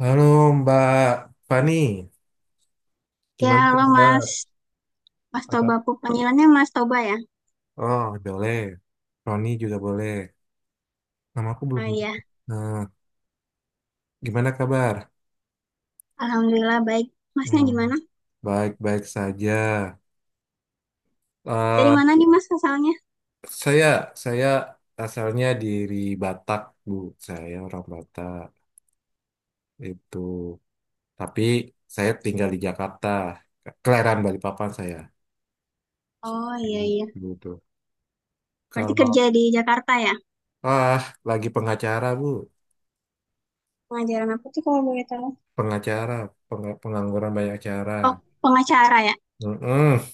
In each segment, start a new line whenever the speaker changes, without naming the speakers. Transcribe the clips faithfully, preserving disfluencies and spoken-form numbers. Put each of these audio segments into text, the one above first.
Halo Mbak Fani,
Ya,
gimana tuh
halo
Mbak?
Mas. Mas
Ada?
Toba, panggilannya Mas Toba ya?
Oh, boleh. Roni juga boleh. Nama aku
Oh
belum.
iya,
Nah, gimana kabar?
Alhamdulillah baik. Masnya
Hmm,
gimana?
baik-baik saja.
Dari
Eh,
mana nih Mas asalnya?
saya saya asalnya dari Batak, Bu. Saya orang Batak itu. Tapi saya tinggal di Jakarta. Kelahiran Balikpapan saya.
Oh iya iya.
Gitu.
Berarti
Kalau
kerja di Jakarta ya?
ah lagi pengacara, Bu.
Pengajaran apa tuh kalau boleh tahu?
Pengacara, peng- pengangguran banyak cara.
Oh, pengacara ya?
Mm-mm.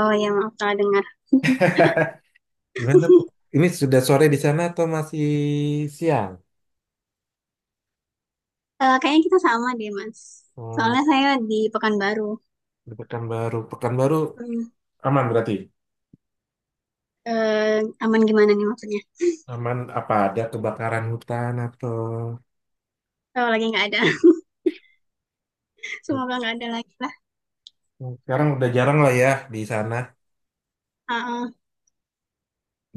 Oh iya, maaf salah dengar.
Gimana tuh? Ini sudah sore di sana atau masih siang?
Eh, kayaknya kita sama deh Mas.
Oh,
Soalnya saya di Pekanbaru.
di Pekanbaru. Pekanbaru
Hmm.
aman berarti?
Eh, aman gimana nih maksudnya?
Aman apa ada kebakaran hutan atau...
Oh, lagi nggak ada. Semoga nggak ada lagi lah.
Sekarang udah jarang lah ya di sana.
Ah, ah.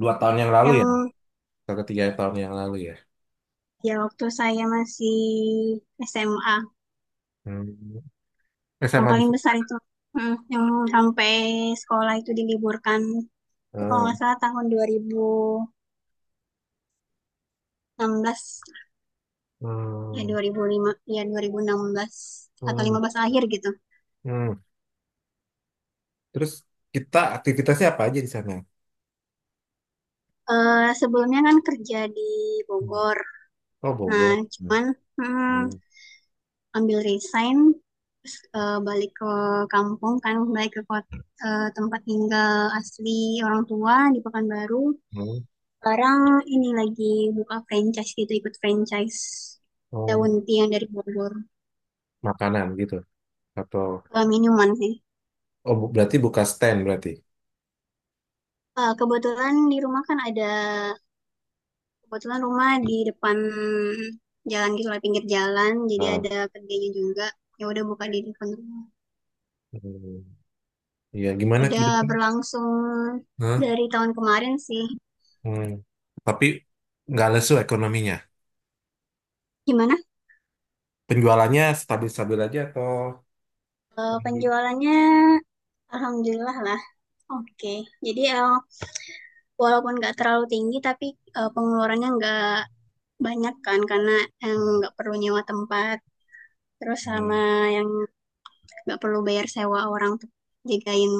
Dua tahun yang lalu ya?
Yang
Atau tiga tahun yang lalu ya?
ya waktu saya masih S M A.
Hmm. Eh,
Yang
sama di
paling
sana.
besar itu. Mm, yang sampai sekolah itu diliburkan. Itu kalau
Hmm.
nggak salah tahun dua ribu enam belas. Ya
Hmm.
dua ribu lima, ya dua ribu enam belas atau lima belas akhir gitu.
Hmm. Terus kita aktivitasnya apa aja di sana?
Eh sebelumnya kan kerja di
Hmm.
Bogor.
Oh,
Nah,
Bogor. Hmm.
cuman mm, ambil resign terus eh, balik ke kampung kan, balik ke kota, eh, tempat tinggal asli orang tua di Pekanbaru.
Hmm.
Sekarang ini lagi buka franchise gitu, ikut franchise
Oh,
daun tea yang dari Bogor.
makanan gitu atau
Eh, minuman sih.
oh bu- berarti buka stand berarti.
Eh, kebetulan di rumah kan ada, kebetulan rumah di depan jalan gitu lah, pinggir jalan. Jadi
Ah,
ada kedainya juga. Ya udah buka di depan rumah.
hmm, ya gimana
Udah
gitu.
berlangsung
Hah?
dari tahun kemarin sih.
Hmm. Tapi nggak lesu ekonominya,
Gimana?
penjualannya stabil-stabil aja atau
Eh, penjualannya Alhamdulillah lah. Oke. Jadi eh, walaupun nggak terlalu tinggi tapi eh, pengeluarannya nggak banyak kan karena yang nggak perlu nyewa tempat terus sama
hmm.
yang nggak perlu bayar sewa orang jagain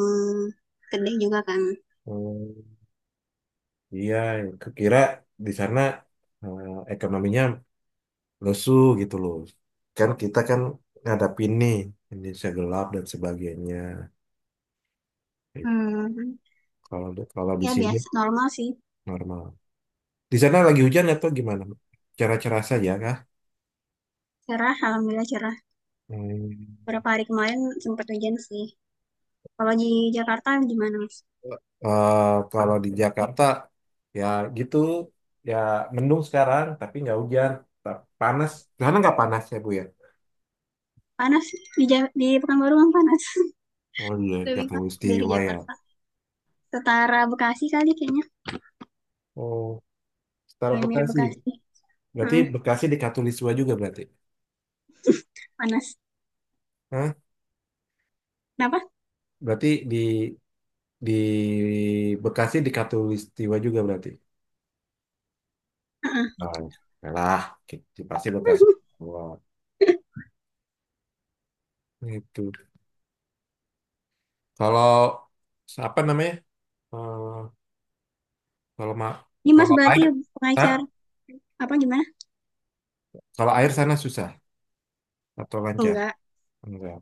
gede juga kan.
Oh, iya, kira di sana, eh, ekonominya lesu gitu loh, kan kita kan ngadapin nih Indonesia gelap dan sebagainya.
Hmm.
Kalau Kalau di
Ya
sini
biasa normal sih.
normal. Di sana lagi hujan atau gimana? Cerah-cerah saja kah?
Cerah alhamdulillah cerah,
Hmm.
beberapa hari kemarin sempat hujan sih. Kalau di Jakarta gimana mas?
Eh, kalau di Jakarta, ya gitu ya, mendung sekarang tapi nggak hujan. Ta- panas. Di sana nggak panas ya Bu ya?
Panas, di Ja- di Pekanbaru kan panas.
Oh iya,
Lebih panas dari
Katulistiwa ya.
Jakarta, setara Bekasi kali kayaknya.
Oh, setara
Kayak mirip
Bekasi,
Bekasi.
berarti
Mm,
Bekasi di Katulistiwa juga berarti?
panas
Hah?
kenapa?
Berarti di di Bekasi di Katulistiwa juga berarti?
Heeh.
Oh, ya lah, ki- pasti Bekasi. Wah, itu. Kalau apa namanya? Eh, kalau ma
Ini Mas
kalau
berarti
air tak
pengacar apa gimana?
kalau air sana susah atau lancar,
Enggak,
enggak?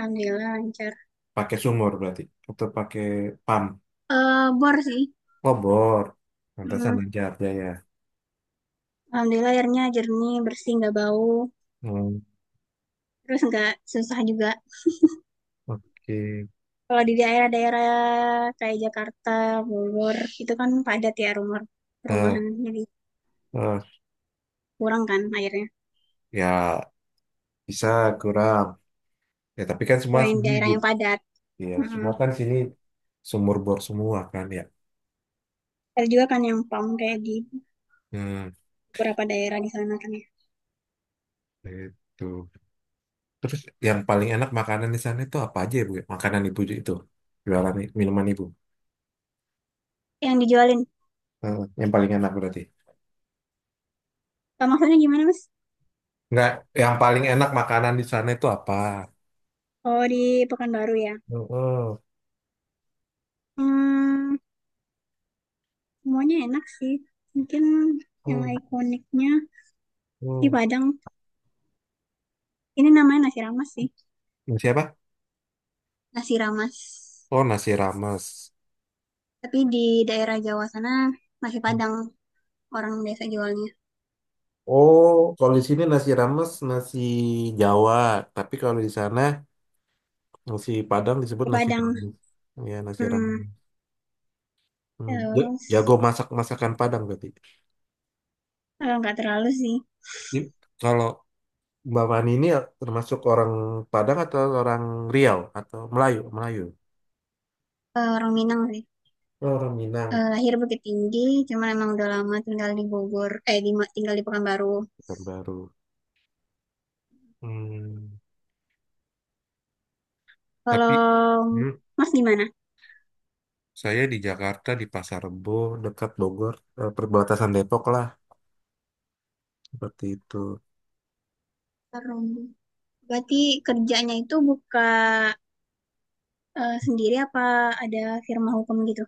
Alhamdulillah lancar.
Pakai sumur berarti atau pakai pam?
Eh bor sih.
Oh, bor. Lantasan
Hmm,
lancar jaya.
Alhamdulillah airnya jernih, bersih, nggak bau.
Hmm,
Terus nggak susah juga.
oke.
Kalau di daerah-daerah kayak Jakarta, Bogor, itu kan padat ya rumah
Eh,
perumahan. Jadi
eh,
kurang kan airnya.
ya bisa kurang, ya tapi kan semua
Kalau yang
sini
daerah yang
di-
padat.
ya
mm
semua kan sini sumur bor semua kan ya?
Ada juga kan yang pam kayak di
Hmm,
beberapa daerah di sana kan ya.
itu, terus yang paling enak makanan di sana itu apa aja ya Bu? Makanan ibu itu, jualan minuman ibu.
Yang dijualin.
Eh, yang paling enak berarti.
Nah, maksudnya gimana mas?
Nggak, yang paling enak makanan di sana itu apa?
Oh di Pekanbaru ya.
Mm-mm.
Hmm, semuanya enak sih. Mungkin yang
Mm,
ikoniknya di
mm.
Padang. Ini namanya nasi rames sih,
Nasi apa?
nasi rames.
Oh, nasi rames.
Tapi di daerah Jawa sana nasi Padang orang biasa jualnya.
Oh, kalau di sini nasi rames nasi Jawa, tapi kalau di sana nasi Padang disebut
Nasi
nasi
Padang.
rames. Ya, nasi
Mm-mm.
rames. Hmm, ja-
Terus
Jago masak masakan Padang berarti.
eh, nggak terlalu sih.
Di- Kalau Mbak Fani ini termasuk orang Padang atau orang Riau atau Melayu? Melayu.
Eh, orang Minang sih.
Oh, orang Minang.
Eh, lahir Bukit Tinggi, cuman emang udah lama tinggal di Bogor, eh di, tinggal di Pekanbaru.
Orang baru. Hmm, tapi
Kalau
hmm,
Mas gimana?
saya di Jakarta, di Pasar Rebo, dekat Bogor, eh, perbatasan Depok lah, seperti itu.
Sekarang. Berarti kerjanya itu buka eh, sendiri apa ada firma hukum gitu?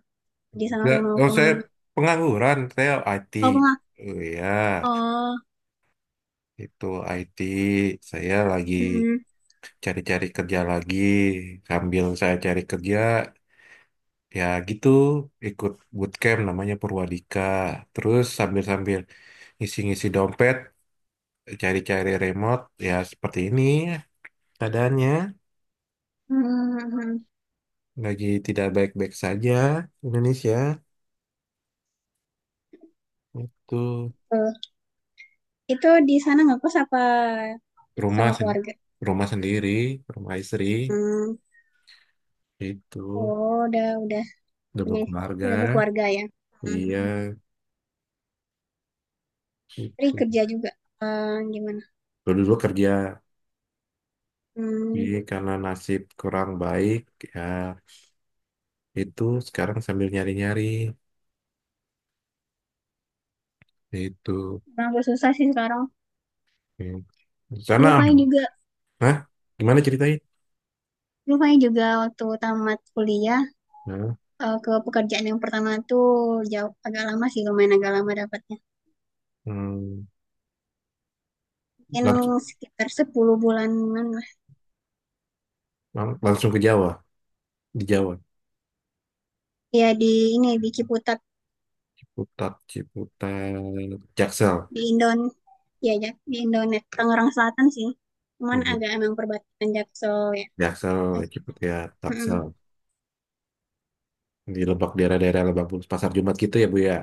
Kerja sama
Ya,
firma
oh,
hukum.
saya pengangguran, saya I T.
Oh, bunga.
Oh ya,
Oh,
itu I T. Saya lagi
mm-mm.
cari-cari kerja lagi. Sambil saya cari kerja, ya gitu, ikut bootcamp namanya Purwadika. Terus sambil-sambil ngisi-ngisi dompet, cari-cari remote, ya seperti ini keadaannya.
Hmm, hmm.
Lagi tidak baik-baik saja Indonesia. Itu
Itu di sana ngekos apa
rumah
sama
sen-
keluarga?
rumah sendiri, rumah istri,
Hmm.
itu
Oh, udah udah
double
punya, udah
keluarga.
berkeluarga ya. Hmm.
Iya,
Istri
itu
kerja juga. Eh, gimana?
dulu dulu kerja,
Hmm,
jadi karena nasib kurang baik ya, itu sekarang sambil nyari nyari itu.
emang agak susah sih sekarang.
Hmm. Di sana
Dulu Fai
aman.
juga,
Hah? Gimana, ceritain.
dulu Fai juga waktu tamat kuliah,
Nah.
eh, ke pekerjaan yang pertama tuh jauh agak lama sih, lumayan agak lama dapatnya.
Hmm,
Mungkin
langsung
sekitar sepuluh bulanan lah.
lang- langsung ke Jawa, di Jawa.
Ya di ini di Ciputat,
Ciputat, Ciputat Jaksel.
di Indon, ya ya di Indonet Tangerang Selatan sih. Cuman
Gitu.
agak emang perbatasan Jaksel ya.
Jaksel,
Ya.
Ciputat ya,
Mm-mm.
taksel di Lebak, daerah-daerah Lebak Bulus, Pasar Jumat gitu ya Bu ya?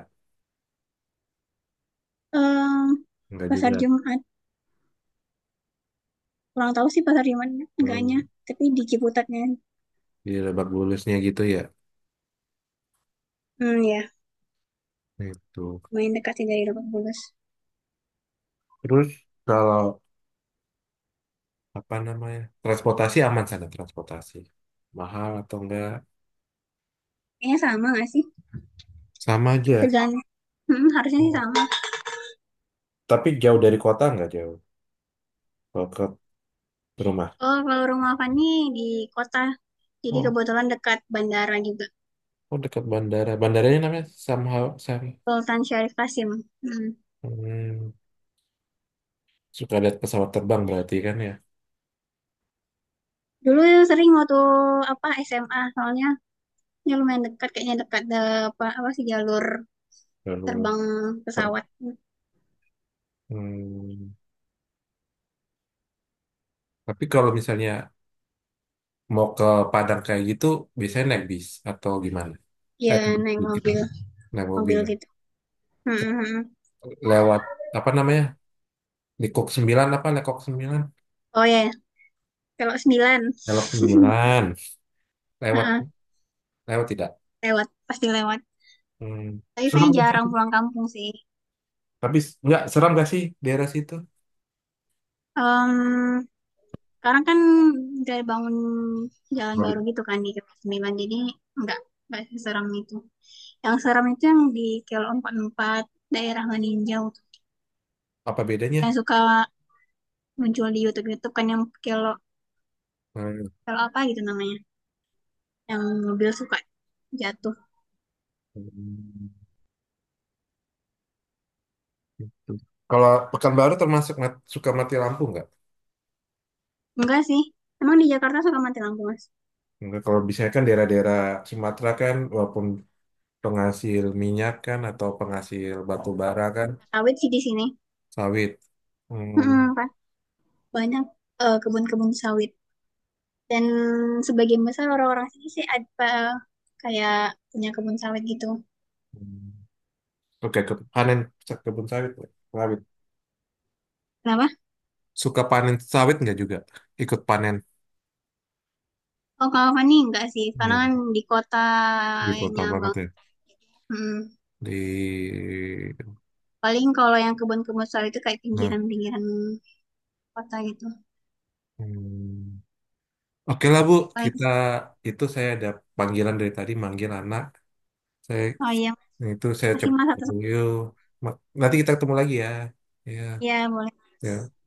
Em,
Enggak
pasar
juga.
Jumat. Kurang tahu sih pasar Jumat enggaknya.
Oh,
Tapi di Ciputatnya.
di Lebak Bulusnya gitu ya?
Hmm, ya.
Itu,
Main dekat sih dari Lebak Bulus.
terus kalau apa namanya, transportasi aman sana, transportasi mahal atau enggak?
Kayaknya sama nggak sih?
Sama aja.
Tergantung. Mm, harusnya sih sama.
Tapi jauh dari kota, enggak jauh kalau ke rumah?
Oh, kalau rumah Fani di kota. Jadi
Oh,
kebetulan dekat bandara juga.
oh dekat bandara. Bandaranya namanya somehow Sam.
Sultan Syarif Kasim. Mm.
Hmm, suka lihat pesawat terbang berarti kan ya?
Dulu sering waktu apa S M A. Soalnya ya lumayan dekat. Kayaknya dekat ada apa, apa sih jalur
Lalu
terbang
ter-
pesawat.
hmm, tapi kalau misalnya mau ke Padang kayak gitu, biasanya naik bis atau gimana? Eh,
Ya
ke-
naik
ke-
mobil.
naik
Mobil
mobil.
gitu. Mm,
Ke-
mm, mm.
Lewat apa namanya? Di Kok sembilan apa? Lekok sembilan?
Oh ya, kalau sembilan,
Lekok sembilan. Lewat,
heeh,
lewat tidak.
lewat, pasti lewat.
Hmm.
Tapi
Serem
saya
gak
jarang
sih?
pulang kampung sih.
Tapi s- nggak serem gak sih daerah situ?
Em, sekarang kan udah bangun jalan baru
Waduh.
gitu kan di Kelok Sembilan, jadi nggak nggak seseram itu. Yang seram itu yang di Kelok Empat puluh Empat, daerah Maninjau.
Apa bedanya?
Yang suka muncul di YouTube-YouTube kan yang Kelok
Hmm.
Kelok apa gitu namanya, yang mobil suka jatuh.
Gitu. Kalau Pekanbaru termasuk mat- suka mati lampu nggak?
Enggak sih, emang di Jakarta suka mati lampu mas.
Nggak, kalau biasanya kan daerah-daerah Sumatera kan walaupun penghasil minyak kan atau penghasil batu bara kan.
Sawit sih di sini.
Sawit. Hmm.
Mm-mm, Pak. Banyak eh, kebun-kebun sawit. Dan sebagian besar orang-orang sini sih ada kayak punya kebun sawit gitu.
Hmm. Oke, ke panen kebun sawit. Sawit.
Kenapa?
Suka panen sawit nggak juga? Ikut panen.
Oh, kalau Fani enggak sih, karena
Hmm.
kan di
Di kota
kotanya
banget
bang.
ya.
Mm.
Di
Paling kalau yang kebun-kebun sawit itu kayak
nah.
pinggiran-pinggiran kota gitu.
Hmm. Oke lah Bu, kita
Paling,
itu saya ada panggilan dari tadi manggil anak. Saya
oh iya,
itu saya
masih
coba
mas atau
yuk. Ma- Nanti kita ketemu lagi ya. Ya,
ya boleh. Mas.
ya.